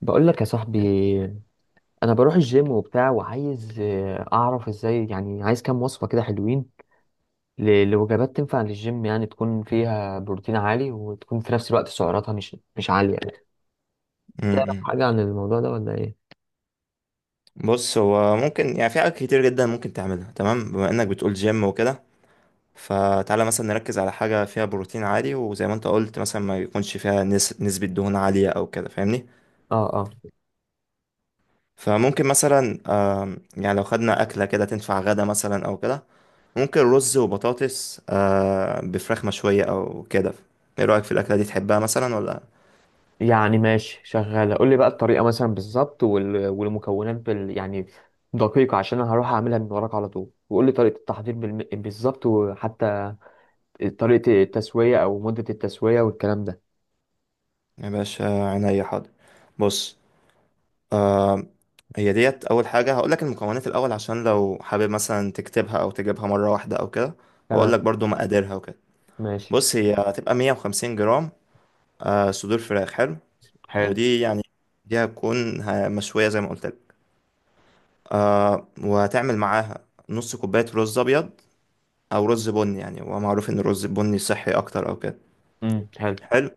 بقول لك يا صاحبي، انا بروح الجيم وبتاع وعايز اعرف ازاي، يعني عايز كام وصفة كده حلوين لوجبات تنفع للجيم، يعني تكون فيها بروتين عالي وتكون في نفس الوقت سعراتها مش عالية يعني. تعرف امم حاجة عن الموضوع ده ولا ايه؟ بص، هو ممكن يعني في حاجات كتير جدا ممكن تعملها. تمام، بما انك بتقول جيم وكده، فتعالى مثلا نركز على حاجة فيها بروتين عالي، وزي ما انت قلت مثلا ما يكونش فيها نسبة دهون عالية او كده، فاهمني؟ اه اه. فممكن مثلا يعني لو خدنا أكلة كده تنفع غدا مثلا او كده، ممكن رز وبطاطس بفراخ مشوية او كده. ايه رأيك في الأكلة دي؟ تحبها مثلا ولا؟ يعني ماشي شغالة، قول لي بقى الطريقة مثلا بالظبط والمكونات بال يعني دقيقة، عشان انا هروح اعملها من وراك على طول. وقول لي طريقة التحضير بالظبط، وحتى طريقة التسوية او مدة التسوية والكلام ده. يا باشا عينيا حاضر. بص، هي ديت اول حاجه هقول لك المكونات الاول عشان لو حابب مثلا تكتبها او تجيبها مره واحده او كده، واقول لك تمام. برضو مقاديرها وكده. ماشي. بص هي هتبقى 150 جرام آه صدور فراخ، حلو. حلو. ودي يعني دي هتكون مشويه زي ما قلت لك. آه، وهتعمل معاها نص كوبايه رز ابيض او رز بني، يعني هو معروف ان الرز البني صحي اكتر او كده. امم. حلو. حلو.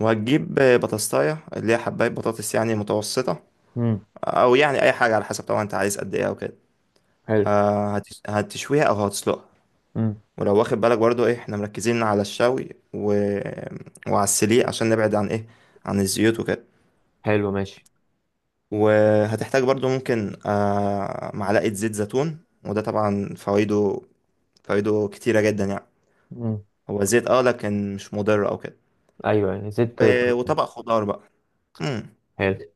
وهتجيب بطاطسايه اللي هي حبايه بطاطس يعني متوسطه، امم. او يعني اي حاجه على حسب طبعا انت عايز قد ايه او كده. حلو. هتشويها او هتسلقها. امم. ولو واخد بالك برضو ايه، احنا مركزين على الشوي و... وعلى السليق عشان نبعد عن ايه، عن الزيوت وكده. حلو ماشي. وهتحتاج برضو ممكن آه معلقة زيت زيتون، وده طبعا فوائده، فوائده كتيرة جدا يعني، امم. هو زيت اه لكن مش مضر او كده. ايوه يعني زدت و... طبقتين. وطبق خضار بقى. مم. حلو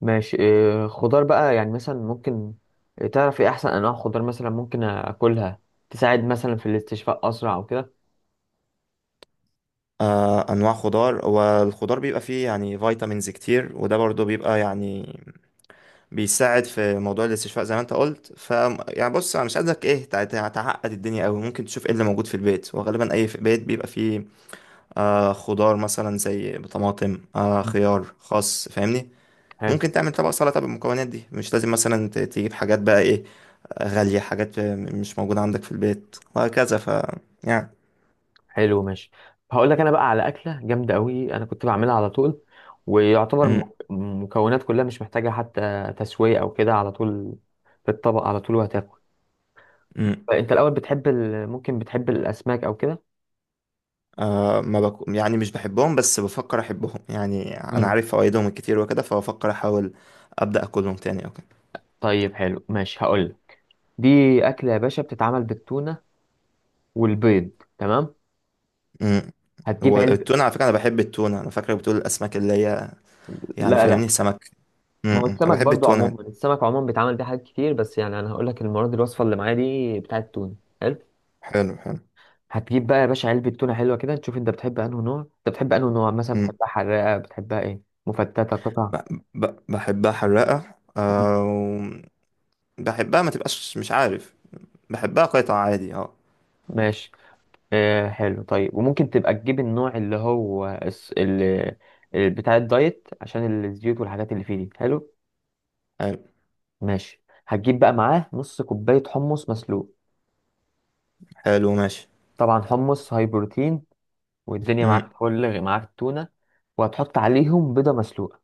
ماشي. إيه خضار بقى يعني مثلا ممكن؟ تعرف ايه احسن انواع خضار مثلا ممكن اكلها، تساعد مثلا في الاستشفاء اسرع او كده؟ آه انواع خضار، والخضار بيبقى فيه يعني فيتامينز كتير، وده برضو بيبقى يعني بيساعد في موضوع الاستشفاء زي ما انت قلت. ف يعني بص، انا مش عايزك ايه تعقد الدنيا قوي، ممكن تشوف ايه اللي موجود في البيت، وغالبا اي في بيت بيبقى فيه آه خضار مثلا زي طماطم، آه مم. خيار، خس، فاهمني؟ حلو. ممكن تعمل طبق سلطه بالمكونات دي، مش لازم مثلا تجيب حاجات بقى ايه غاليه، حاجات مش موجوده عندك في البيت وهكذا، ف يعني. حلو ماشي. هقول لك انا بقى على اكله جامده قوي، انا كنت بعملها على طول. ويعتبر امم. المكونات كلها مش محتاجه حتى تسويه او كده، على طول في الطبق على طول وهتاكل. امم. انت الاول بتحب ممكن بتحب الاسماك او كده؟ آه، ما بك... يعني مش بحبهم بس بفكر احبهم، يعني انا عارف فوائدهم الكتير وكده، فبفكر احاول ابدا اكلهم تاني او كده. طيب حلو ماشي، هقول دي أكلة يا باشا بتتعمل بالتونة والبيض. تمام. امم. هتجيب هو علب. التونة على فكرة أنا بحب التونة، أنا فاكرك بتقول الأسماك اللي هي يعني لا اه لا. فاهمني، سمك. ما هو امم، أنا السمك بحب برضو التونة. عموما، السمك عموما بيتعمل بيه حاجات كتير، بس يعني أنا هقول لك المرة دي الوصفة اللي معايا دي بتاعة التونة. حلو. حلو، حلو. هتجيب بقى يا باشا علبة تونة حلوة كده، تشوف أنت بتحب أنه نوع، أنت بتحب أنه نوع مثلا، امم. بتحبها حراقة، بتحبها إيه مفتتة قطع. ب... بحبها حراقة، أو بحبها ما تبقاش مش عارف، بحبها قطع عادي اه. ماشي. آه حلو. طيب وممكن تبقى تجيب النوع اللي هو اللي بتاع الدايت عشان الزيوت والحاجات اللي فيه دي. حلو حلو. ماشي. هتجيب بقى معاه نص كوباية حمص مسلوق، حلو ماشي. طبعا حمص هاي بروتين، والدنيا امم. معاك فل، معاك تونة. وهتحط عليهم بيضة مسلوقة.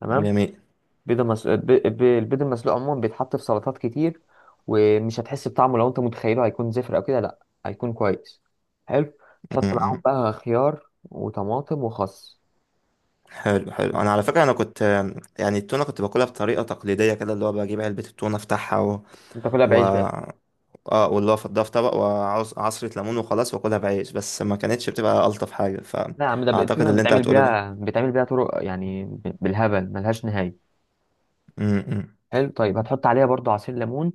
تمام. جميل. بيضة مس... ب... ب... البيض المسلوق عموما بيتحط في سلطات كتير، ومش هتحس بطعمه لو انت متخيله هيكون زفر او كده، لا هيكون كويس. حلو. تحط معاهم امم. بقى خيار وطماطم وخس. حلو، حلو. أنا على فكرة أنا كنت يعني التونة كنت باكلها بطريقة تقليدية كده، اللي هو بجيب علبة التونة أفتحها و... وتاكلها و... بعيش بس. اه واللي هو فضها في طبق وعصرة ليمون وخلاص واكلها بعيش بس، ما كانتش بتبقى ألطف حاجة، لا يا عم، فأعتقد التونة اللي انت بيتعمل هتقوله ده. بيها بيتعمل بيها طرق يعني بالهبل ملهاش نهاية. امم. حلو طيب. هتحط عليها برضو عصير ليمون.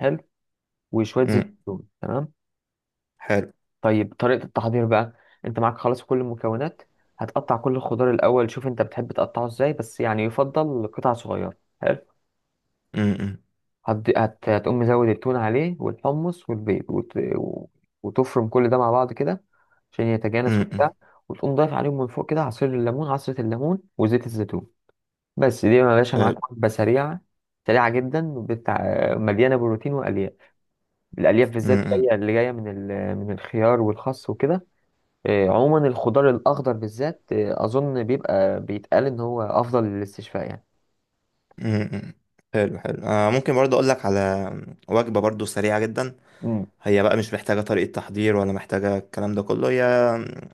حلو. وشويه زيت امم. زيتون. تمام. حلو. طيب طريقه التحضير بقى، انت معاك خلاص كل المكونات. هتقطع كل الخضار الاول، شوف انت بتحب تقطعه ازاي، بس يعني يفضل قطع صغيره. حلو. امم. هتقوم مزود التون عليه والحمص والبيض وتفرم كل ده مع بعض كده عشان يتجانس وبتاع. امم. وتقوم ضايف عليهم من فوق كده عصير الليمون، عصرة الليمون وزيت الزيتون. بس دي يا باشا حلو. معاك وجبة سريعة، سريعة جدا بتاع، مليانة بروتين وألياف. الألياف بالذات امم. جاية، اللي جاية من من الخيار والخس وكده. عموما الخضار الأخضر بالذات أظن بيبقى بيتقال إن هو أفضل للاستشفاء يعني. امم. حلو، حلو. آه ممكن برضو اقول لك على وجبة برضو سريعة جدا. مم. هي بقى مش محتاجة طريقة تحضير، ولا محتاجة الكلام ده كله، هي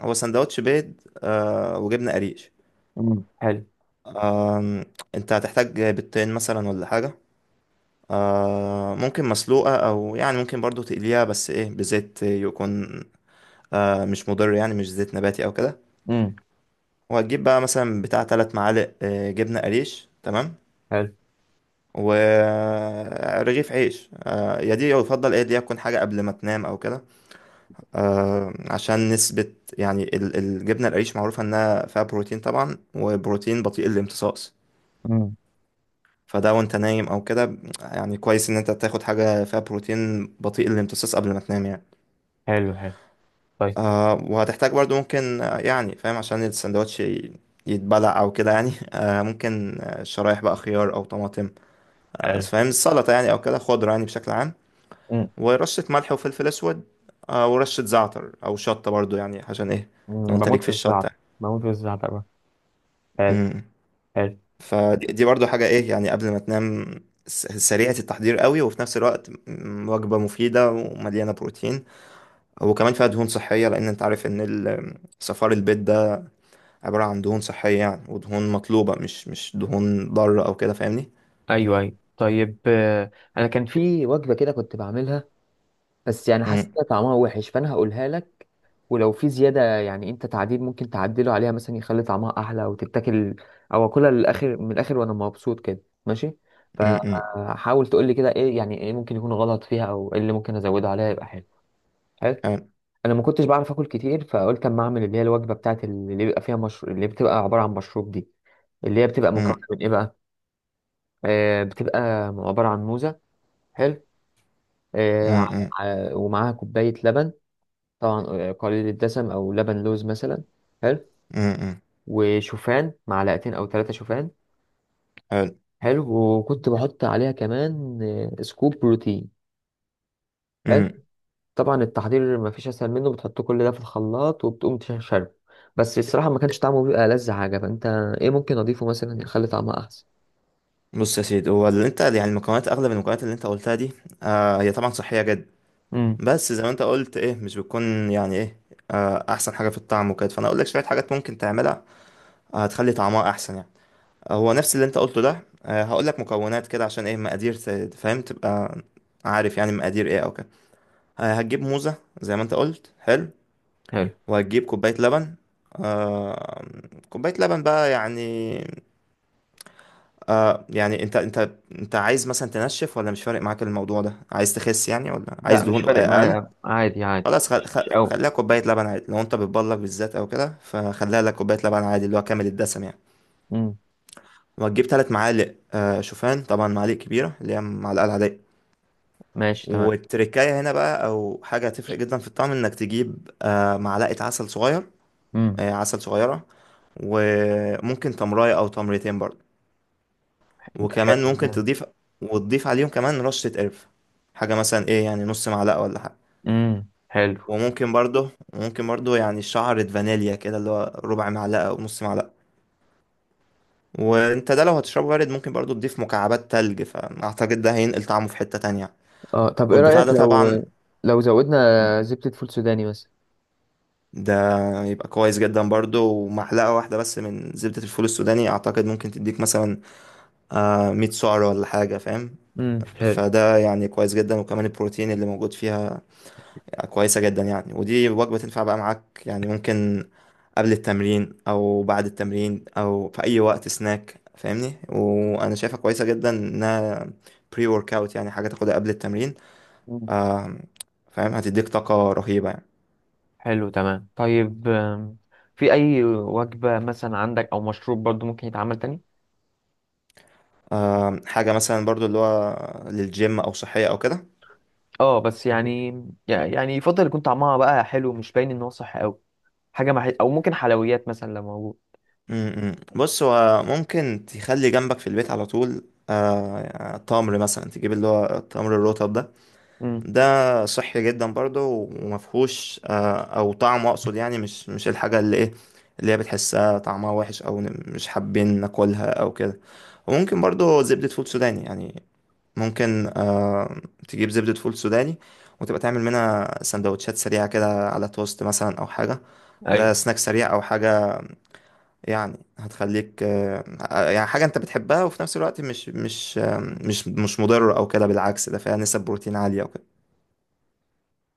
هو سندوتش بيض آه وجبنة قريش. مم. حلو. آم، انت هتحتاج بيضتين مثلا ولا حاجة، آه ممكن مسلوقة، أو يعني ممكن برضو تقليها بس إيه بزيت، يكون آه مش مضر يعني، مش زيت نباتي أو كده. مم. وهتجيب بقى مثلا بتاع تلات معالق آه جبنة قريش، تمام. حلو. ورغيف عيش آه، يا دي يفضل إيه، دي تكون حاجة قبل ما تنام أو كده، آه عشان نسبة يعني الجبنة القريش معروفة إنها فيها بروتين طبعا، وبروتين بطيء الامتصاص. مم. فده وانت نايم او كده يعني كويس ان انت تاخد حاجة فيها بروتين بطيء الامتصاص قبل ما تنام يعني. حلو حلو. طيب آه وهتحتاج برضو ممكن يعني فاهم عشان السندوتش يتبلع او كده يعني آه ممكن شرايح بقى خيار او طماطم، آه حلو. فاهم، السلطة يعني او كده، خضرة يعني بشكل عام. مم. ورشة ملح وفلفل اسود، آه ورشة زعتر او شطة برضو يعني عشان ايه مم، لو انت بموت ليك في في الزعتر. الشطة. بموت في الزعتر بقى. حلو امم. حلو. فدي برضو حاجة ايه، يعني قبل ما تنام، سريعة التحضير قوي وفي نفس الوقت وجبة مفيدة ومليانة بروتين، وكمان فيها دهون صحية، لأن أنت عارف إن صفار البيض عبارة عن دهون صحية يعني، ودهون مطلوبة، مش مش دهون ضارة أو كده، فاهمني. أيوه أيوه طيب. أنا كان في وجبة كده كنت بعملها، بس يعني حاسس مم، ان طعمها وحش، فانا هقولها لك. ولو في زياده يعني انت تعديل ممكن تعدله عليها مثلا يخلي طعمها احلى وتتاكل، او اكلها للاخر من الاخر وانا مبسوط كده ماشي. مم، مم، فحاول تقول لي كده، ايه يعني، ايه ممكن يكون غلط فيها او ايه اللي ممكن ازودها عليها يبقى حلو. حلو. حلو. انا ما كنتش بعرف اكل كتير، فقلت اما اعمل اللي هي الوجبه بتاعت اللي بيبقى فيها مشروب، اللي بتبقى عباره عن مشروب دي. اللي هي بتبقى مكونة مم، من ايه بقى؟ آه بتبقى عبارة عن موزة. حلو. آه ع- مم، مم، ومعاها كوباية لبن، طبعا قليل الدسم او لبن لوز مثلا. حلو. مم، مم، وشوفان معلقتين او ثلاثة شوفان. حلو. حلو. وكنت بحط عليها كمان سكوب بروتين. حلو. مم. طبعا التحضير ما فيش اسهل منه، بتحط كل ده في الخلاط وبتقوم تشربه. بس الصراحة ما كانش طعمه بيبقى ألذ حاجة، فانت ايه ممكن اضيفه مثلا يخلي طعمها احسن؟ بص يا سيدي، هو اللي انت يعني المكونات، اغلب المكونات اللي انت قلتها دي آه هي طبعا صحيه جدا، امم. بس زي ما انت قلت ايه مش بتكون يعني ايه آه احسن حاجه في الطعم وكده. فانا اقول لك شويه حاجات ممكن تعملها آه هتخلي طعمها احسن يعني. هو نفس اللي انت قلته ده، آه هقول لك مكونات كده عشان ايه مقادير، فاهم، تبقى عارف يعني مقادير ايه او كده. هتجيب موزة زي ما انت قلت، حلو. حلو. وهتجيب كوباية لبن. آه كوباية لبن بقى يعني، آه يعني انت انت عايز مثلا تنشف، ولا مش فارق معاك الموضوع ده، عايز تخس يعني، ولا لا عايز مش دهون فارق معايا اقل؟ أوي. عادي عادي، خلاص مش قوي. خليها كوباية لبن عادي، لو انت بتبلغ بالذات او كده فخليها لك كوباية لبن عادي اللي هو كامل الدسم يعني. امم. وهتجيب ثلاث معالق آه شوفان، طبعا معالق كبيرة اللي هي معلقة العادية. ماشي تمام. والتركاية هنا بقى او حاجة هتفرق جدا في الطعم، انك تجيب آه معلقة عسل صغير، امم. عسل صغيرة. وممكن تمراية أو تمرتين برضه. وكمان حلو ممكن ده. تضيف، وتضيف عليهم كمان رشة قرفة، حاجة مثلا إيه يعني نص معلقة ولا حاجة. امم. حلو. وممكن برضه، ممكن برضه، يعني شعرة فانيليا كده، اللي هو ربع معلقة أو نص معلقة. وانت ده لو هتشربه بارد ممكن برضه تضيف مكعبات تلج، فأعتقد ده هينقل طعمه في حتة تانية يعني. اه طب ايه والبتاع رأيك ده لو طبعا، زودنا زبدة فول سوداني مثلا؟ ده يبقى كويس جدا برضه. ومعلقة واحدة بس من زبدة الفول السوداني أعتقد ممكن تديك مثلا آه 100 سعر ولا حاجة فاهم. امم. حلو. فده يعني كويس جدا، وكمان البروتين اللي موجود فيها كويسة جدا يعني. ودي وجبة تنفع بقى معاك يعني، ممكن قبل التمرين أو بعد التمرين أو في أي وقت سناك، فاهمني، وأنا شايفها كويسة جدا إنها بري ورك أوت، يعني حاجة تاخدها قبل التمرين. مم. آم، فاهم، هتديك طاقة رهيبة يعني. حلو تمام. طيب في اي وجبة مثلا عندك او مشروب برضو ممكن يتعمل تاني؟ حاجة مثلا برضو اللي هو للجيم أو صحية أو كده. اه بس يعني، يفضل يكون طعمها بقى حلو، مش باين ان هو صح قوي. حاجة او ممكن حلويات مثلا لو موجود. م- م. بص هو ممكن تخلي جنبك في البيت على طول تمر مثلا، تجيب اللي هو التمر الرطب ده، امم. ده صحي جدا برضه، ومفهوش او طعمه اقصد يعني، مش مش الحاجه اللي ايه اللي هي بتحسها طعمها وحش او مش حابين ناكلها او كده. وممكن برضه زبده فول سوداني يعني، ممكن آه تجيب زبده فول سوداني، وتبقى تعمل منها سندوتشات سريعه كده على توست مثلا او حاجه، ده ايوه سناك سريع او حاجه يعني. هتخليك يعني حاجه انت بتحبها، وفي نفس الوقت مش مش مش مش مضر او كده، بالعكس ده فيها نسب بروتين عاليه وكده.